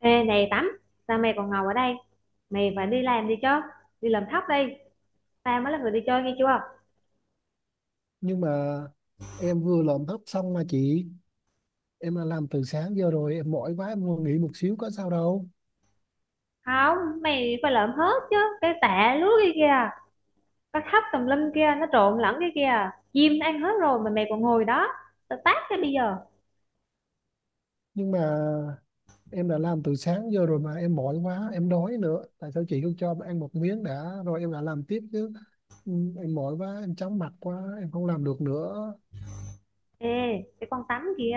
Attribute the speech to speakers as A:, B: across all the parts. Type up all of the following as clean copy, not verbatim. A: Ê này Tắm, sao mày còn ngồi ở đây? Mày phải đi làm đi chứ. Đi làm thóc đi. Tao mới là người đi chơi nghe chưa.
B: Nhưng mà em vừa làm thấp xong mà chị, em đã làm từ sáng giờ rồi, em mỏi quá, em muốn nghỉ một xíu có sao đâu.
A: Không, mày phải lợm hết chứ. Cái tạ lúa kia kìa. Cái thóc tùm lum kia, nó trộn lẫn cái kia, chim nó ăn hết rồi mà mày còn ngồi đó. Tao tát cái bây giờ.
B: Nhưng mà em đã làm từ sáng giờ rồi mà em mỏi quá, em đói nữa, tại sao chị không cho em ăn một miếng đã rồi em đã làm tiếp chứ. ừ, em mỏi quá, em chóng mặt quá, em không làm được nữa.
A: Ê, cái con Tắm kia,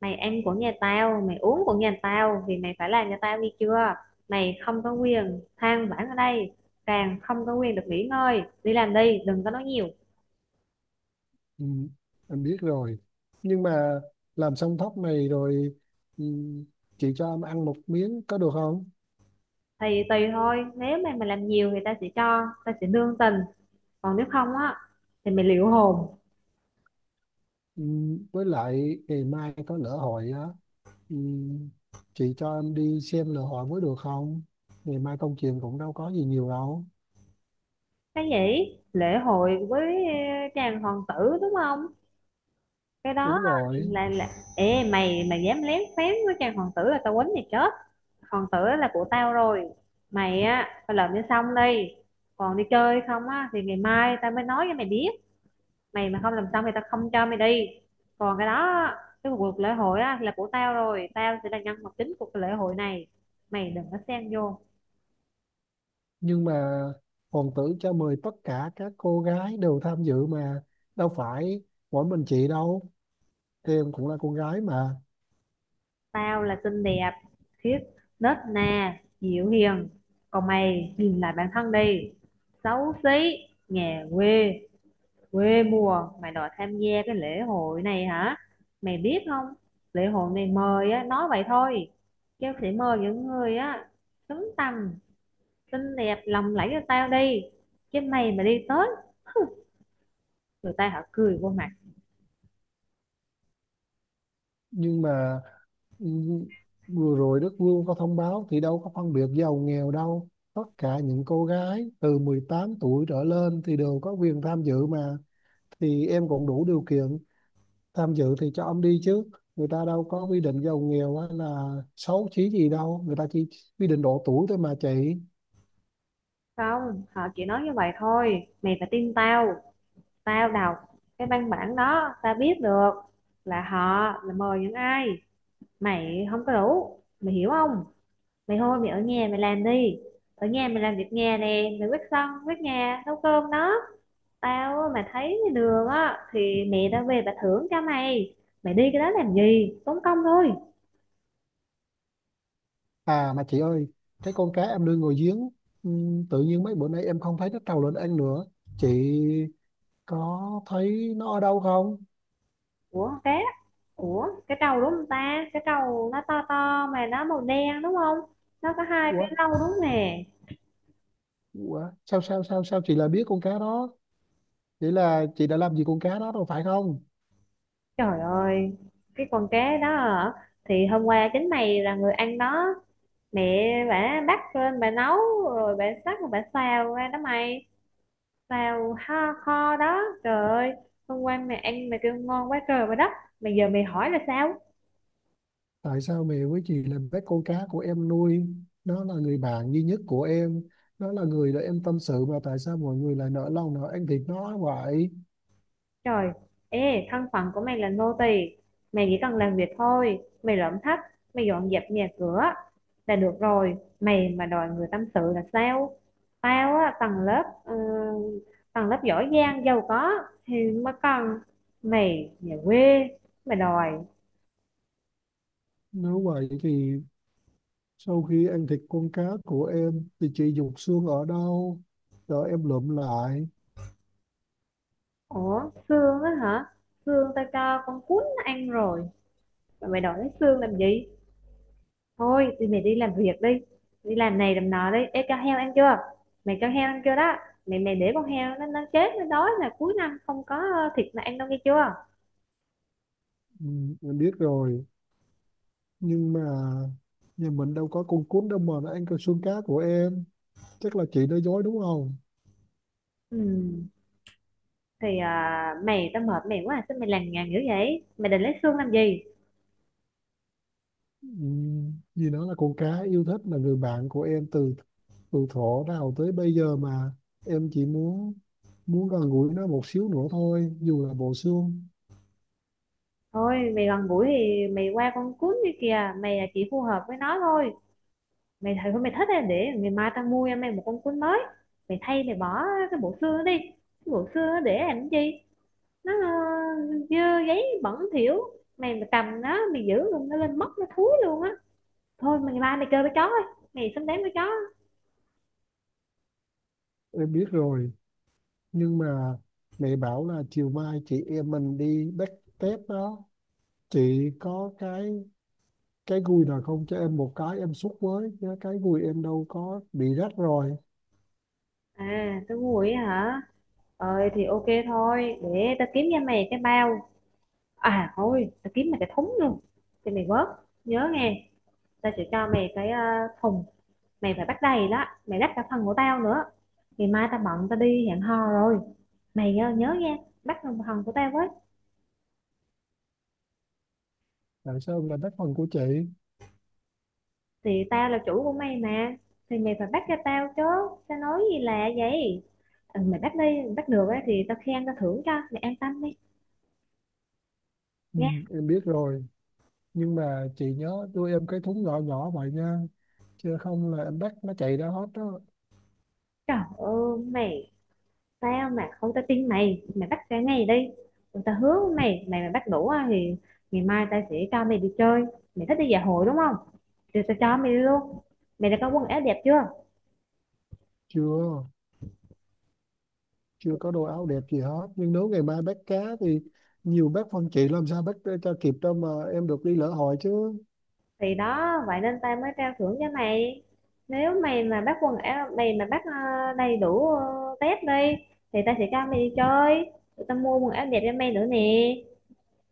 A: mày ăn của nhà tao, mày uống của nhà tao thì mày phải làm cho tao nghe chưa. Mày không có quyền than vãn ở đây, càng không có quyền được nghỉ ngơi. Đi làm đi, đừng có nói nhiều.
B: Ừ, em biết rồi. Nhưng mà làm xong thóc này rồi, ừ, chị cho em ăn một miếng có được không?
A: Thì tùy thôi, nếu mà mình làm nhiều người ta sẽ cho, ta sẽ nương tình, còn nếu không á thì mình liệu hồn.
B: Ừ, với lại ngày mai có lỡ hội á. Ừ, chị cho em đi xem lễ hội mới được không? Ngày mai công chuyện cũng đâu có gì nhiều đâu.
A: Cái gì lễ hội với chàng hoàng tử đúng không? Cái đó
B: Đúng
A: á, thì
B: rồi.
A: là, là ê mày mày dám lén phén với chàng hoàng tử là tao quýnh mày chết. Hoàng tử là của tao rồi, mày á phải làm cho xong đi. Còn đi chơi không á thì ngày mai tao mới nói cho mày biết. Mày mà không làm xong thì tao không cho mày đi. Còn cái đó, cái cuộc lễ hội á là của tao rồi, tao sẽ là nhân vật chính của cái lễ hội này, mày đừng có xen vô.
B: Nhưng mà hoàng tử cho mời tất cả các cô gái đều tham dự mà. Đâu phải mỗi mình chị đâu, em cũng là cô gái mà.
A: Tao là xinh đẹp, khiết, nết na dịu hiền, còn mày nhìn lại bản thân đi: xấu xí, nhà quê, quê mùa, mày đòi tham gia cái lễ hội này hả? Mày biết không, lễ hội này mời á nói vậy thôi, chứ sẽ mời những người á xứng tầm, xinh đẹp lòng lẫy cho tao đi, chứ mày mà đi tới người ta họ cười vô mặt.
B: Nhưng mà ừ, vừa rồi Đức Vương có thông báo thì đâu có phân biệt giàu nghèo đâu. Tất cả những cô gái từ 18 tuổi trở lên thì đều có quyền tham dự mà. Thì em cũng đủ điều kiện tham dự thì cho ông đi chứ, người ta đâu có quy định giàu nghèo hay là xấu chí gì đâu, người ta chỉ quy định độ tuổi thôi mà chị.
A: Không, họ chỉ nói như vậy thôi, mày phải tin tao. Tao đọc cái văn bản đó tao biết được là họ là mời những ai, mày không có đủ, mày hiểu không? Mày thôi mày ở nhà mày làm đi, ở nhà mày làm việc nhà nè, mày quét sân quét nhà nấu cơm đó. Tao mà thấy đường á thì mẹ tao về bà thưởng cho mày. Mày đi cái đó làm gì, tốn công thôi.
B: À mà chị ơi, cái con cá em nuôi ngồi giếng, tự nhiên mấy bữa nay em không thấy nó trầu lên ăn nữa, chị có thấy nó ở đâu không?
A: Ủa, cá? Ủa cái trâu đúng không ta? Cái trâu nó to to mà nó màu đen đúng không? Nó có hai cái
B: Ủa,
A: râu đúng nè.
B: ủa sao sao chị lại biết con cá đó? Vậy là chị đã làm gì con cá đó rồi phải không?
A: Trời ơi, cái con cá đó hả? Thì hôm qua chính mày là người ăn đó. Mẹ bà bắt lên bà nấu, rồi bà sắc rồi bà xào ra đó mày. Xào kho, kho đó. Trời ơi, hôm qua mày ăn mày kêu ngon quá trời và đất, mà giờ mày hỏi là sao?
B: Tại sao mẹ với chị là bé con cá của em nuôi, nó là người bạn duy nhất của em, nó là người để em tâm sự mà tại sao mọi người lại nỡ lòng nào ăn thịt nó vậy?
A: Trời, ê, thân phận của mày là nô tỳ, mày chỉ cần làm việc thôi, mày lượm thách, mày dọn dẹp nhà cửa là được rồi, mày mà đòi người tâm sự là sao? Tao á, tầng lớp tầng lớp giỏi giang giàu có thì mới cần. Mày nhà quê mày đòi.
B: Nếu vậy thì sau khi ăn thịt con cá của em thì chị dục xương ở đâu, rồi em lượm lại.
A: Ủa, xương á hả? Xương tao cho con cún nó ăn rồi, mà mày đòi lấy xương làm gì? Thôi thì mày đi làm việc đi, đi làm này làm nọ đi. Ê, cho heo ăn chưa? Mày cho heo ăn chưa đó? Mày mày để con heo nó chết nó đói là cuối năm không có thịt mà ăn đâu nghe chưa.
B: Ừ, em biết rồi. Nhưng mà nhà mình đâu có con cún đâu mà nó ăn cái xương cá của em, chắc là chị nói dối đúng không?
A: Ừ, thì mày tao mệt mày quá, sao mày lằng nhằng dữ vậy, mày định lấy xương làm gì?
B: Vì nó là con cá yêu thích, là người bạn của em từ từ thuở nào tới bây giờ mà, em chỉ muốn muốn gần gũi nó một xíu nữa thôi dù là bộ xương.
A: Thôi mày gần gũi thì mày qua con cún đi kìa, mày là chỉ phù hợp với nó thôi. Mày thấy mày thích thì để ngày mai tao mua cho mày một con cún mới. Mày thay mày bỏ cái bộ xương đó đi, cái bộ xương đó để làm cái gì, nó dơ giấy bẩn thỉu. Mày mà cầm nó mày giữ luôn nó lên mất, nó thúi luôn á. Thôi mày ngày mai mày chơi với chó thôi, mày sắm đến với chó.
B: Em biết rồi. Nhưng mà mẹ bảo là chiều mai chị em mình đi backstep đó, chị có cái gùi nào không cho em một cái em xúc với chứ cái gùi em đâu có bị rách rồi.
A: À tôi ngu vậy hả? Ờ, thì ok thôi, để tao kiếm cho mày cái bao. À thôi tao kiếm mày cái thúng luôn, thì mày vớt, nhớ nghe. Tao sẽ cho mày cái thùng, mày phải bắt đầy đó, mày đắp cả phần của tao nữa. Ngày mai tao bận tao đi hẹn hò rồi, mày nhớ nghe, bắt phần của tao với.
B: Tại sao em lại bắt phần của chị?
A: Thì tao là chủ của mày mà, thì mày phải bắt cho tao chứ, tao nói gì lạ vậy. Ừ, mày bắt đi, mày bắt được á thì tao khen tao thưởng cho mày, an tâm đi. Nha.
B: Em biết rồi. Nhưng mà chị nhớ đưa em cái thúng nhỏ nhỏ vậy nha, chứ không là em bắt nó chạy ra hết đó.
A: Trời ơi mày, tao mà không tao tin mày, mày bắt cả ngày đi. Ừ, tao hứa với mày, mày mà bắt đủ á thì ngày mai tao sẽ cho mày đi chơi. Mày thích đi dạ hội đúng không? Thì tao cho mày đi luôn. Mày đã có quần áo đẹp chưa?
B: Chưa, chưa có đồ áo đẹp gì hết, nhưng nếu ngày mai bắt cá thì nhiều bác phân chị làm sao bắt cho kịp đâu mà em được đi lễ hội chứ.
A: Thì đó, vậy nên tao mới trao thưởng cho mày. Nếu mày mà bắt quần áo, mày mà bắt đầy đủ test đi thì tao sẽ cho mày đi chơi, tụi tao mua quần áo đẹp cho mày nữa nè.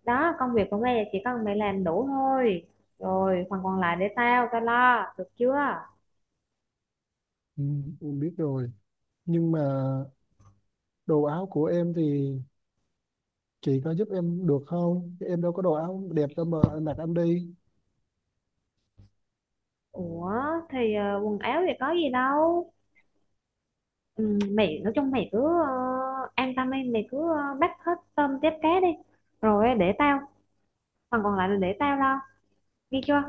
A: Đó, công việc của mày là chỉ cần mày làm đủ thôi, rồi phần còn lại để tao, tao lo, được chưa?
B: Ừ, em biết rồi. Nhưng mà đồ áo của em thì chị có giúp em được không, em đâu có đồ áo đẹp đâu mà em mặc em đi.
A: Ủa, thì quần áo thì có gì đâu. Ừ, mày nói chung mày cứ ờ, an tâm đi, mày cứ bắt hết tôm tép cá đi, rồi để tao, phần còn lại là để tao lo. Ghi chưa?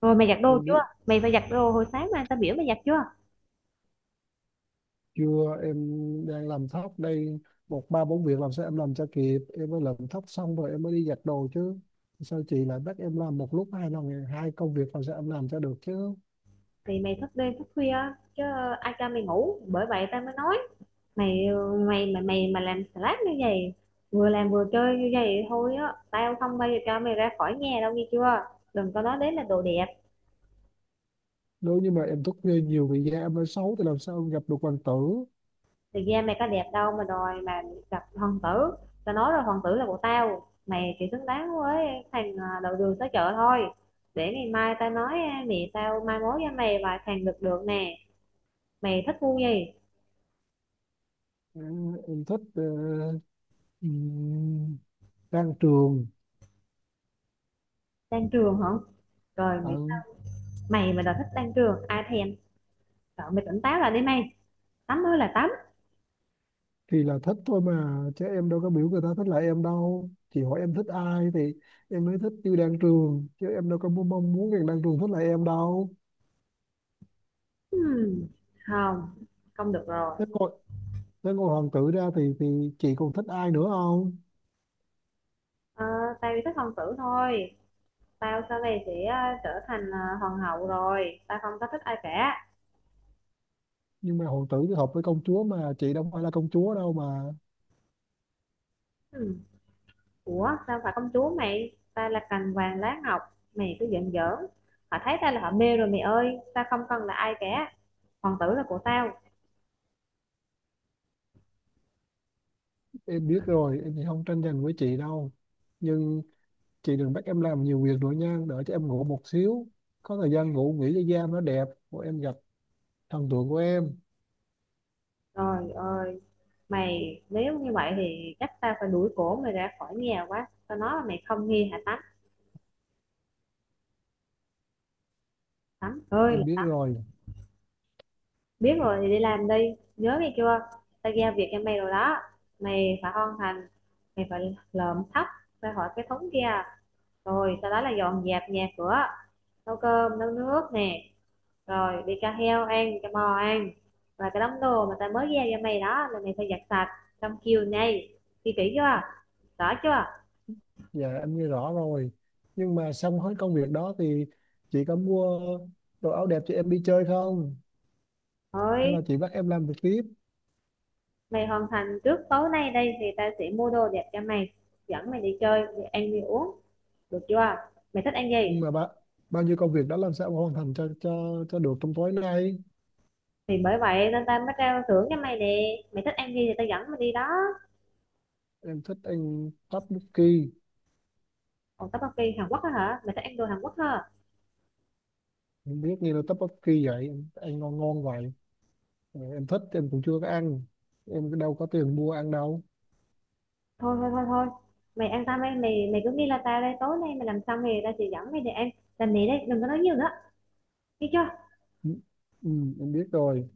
A: Rồi mày giặt đồ
B: Em biết.
A: chưa? Mày phải giặt đồ hồi sáng mà tao biểu mày giặt chưa?
B: Chưa, em đang làm tóc đây, một ba bốn việc làm sao em làm cho kịp, em mới làm tóc xong rồi em mới đi giặt đồ chứ, sao chị lại bắt em làm một lúc hai lần hai công việc làm sao em làm cho được chứ.
A: Thì mày thức đêm thức khuya chứ ai cho mày ngủ. Bởi vậy tao mới nói mày, mày mà làm slack như vậy, vừa làm vừa chơi như vậy thôi á, tao không bao giờ cho mày ra khỏi nhà đâu nghe chưa? Đừng có nói đến là đồ đẹp.
B: Nếu như mà em thức khuya nhiều vì da em mới xấu thì làm sao em gặp được hoàng tử.
A: Thực ra mày có đẹp đâu mà đòi mà gặp hoàng tử. Tao nói rồi, hoàng tử là của tao. Mày chỉ xứng đáng với thằng đầu đường xó chợ thôi. Để ngày mai tao nói mẹ tao mai mối cho mày vài thằng được được nè. Mày thích vui gì?
B: Ừ, em thích ừm, đang trường.
A: Đan trường hả? Rồi mày,
B: Ừ,
A: mày mà đòi thích đan trường ai thèm? Sợ mày tỉnh táo là đi mày. Tắm mới là tắm.
B: thì là thích thôi mà chứ em đâu có biểu người ta thích lại em đâu, chị hỏi em thích ai thì em mới thích tiêu đang trường chứ em đâu có mong muốn người đang trường thích lại em đâu.
A: Hmm, không, không được rồi.
B: Thế còn nếu ngôi hoàng tử ra thì chị còn thích ai nữa không?
A: Ờ, tao chỉ thích hoàng tử thôi. Tao sau này sẽ trở thành hoàng hậu rồi. Tao không có thích ai cả.
B: Nhưng mà hoàng tử thì hợp với công chúa mà chị đâu phải là công chúa đâu mà.
A: Hmm. Ủa sao phải công chúa mày? Tao là cành vàng lá ngọc. Mày cứ giận giỡn. Họ thấy tao là họ mê rồi mày ơi. Tao không cần là ai cả. Hoàng tử là của tao.
B: Em biết rồi, em thì không tranh giành với chị đâu. Nhưng chị đừng bắt em làm nhiều việc nữa nha, đợi cho em ngủ một xíu. Có thời gian ngủ nghỉ cho da nó đẹp, của em gặp thần tượng của em.
A: Trời ơi, mày nếu như vậy thì chắc tao phải đuổi cổ mày ra khỏi nhà quá. Tao nói là mày không nghe hả Tắm? Tắm ơi,
B: Em biết rồi.
A: biết rồi thì đi làm đi. Nhớ nghe chưa? Tao giao việc cho mày rồi đó. Mày phải hoàn thành, mày phải lợm thóc ra khỏi cái thúng kia. Rồi sau đó là dọn dẹp nhà cửa, nấu cơm, nấu nước nè. Rồi đi cho heo ăn, cho bò ăn. Và cái đống đồ mà tao mới giao cho mày đó là mày phải giặt sạch trong chiều nay. Ghi kỹ chưa? Rõ chưa?
B: Dạ em nghe rõ rồi. Nhưng mà xong hết công việc đó thì chị có mua đồ áo đẹp cho em đi chơi không? Hay
A: Ơi.
B: là chị bắt em làm việc tiếp?
A: Mày hoàn thành trước tối nay đây thì ta sẽ mua đồ đẹp cho mày, dẫn mày đi chơi, đi ăn đi uống, được chưa? Mày thích ăn gì?
B: Nhưng mà bạn bao nhiêu công việc đã làm sao mà hoàn thành cho được trong tối nay.
A: Thì bởi vậy nên ta mới trao thưởng cho mày nè. Mày thích ăn gì thì ta dẫn mày đi đó.
B: Em thích ăn tteokbokki.
A: Còn tteokbokki Hàn Quốc á hả? Mày thích ăn đồ Hàn Quốc hả?
B: Em biết nghe là tteokbokki vậy em ăn ngon ngon vậy. Ờ, em thích, em cũng chưa có ăn, em đâu có tiền mua ăn đâu.
A: Thôi thôi thôi thôi. Mày ăn tao, mày mày mày cứ nghĩ là tao đây tối nay mày làm xong thì ta sẽ dẫn mày đi ăn. Làm mày đây, đừng có nói nhiều nữa. Đi chưa?
B: ừ, ừ, em biết rồi.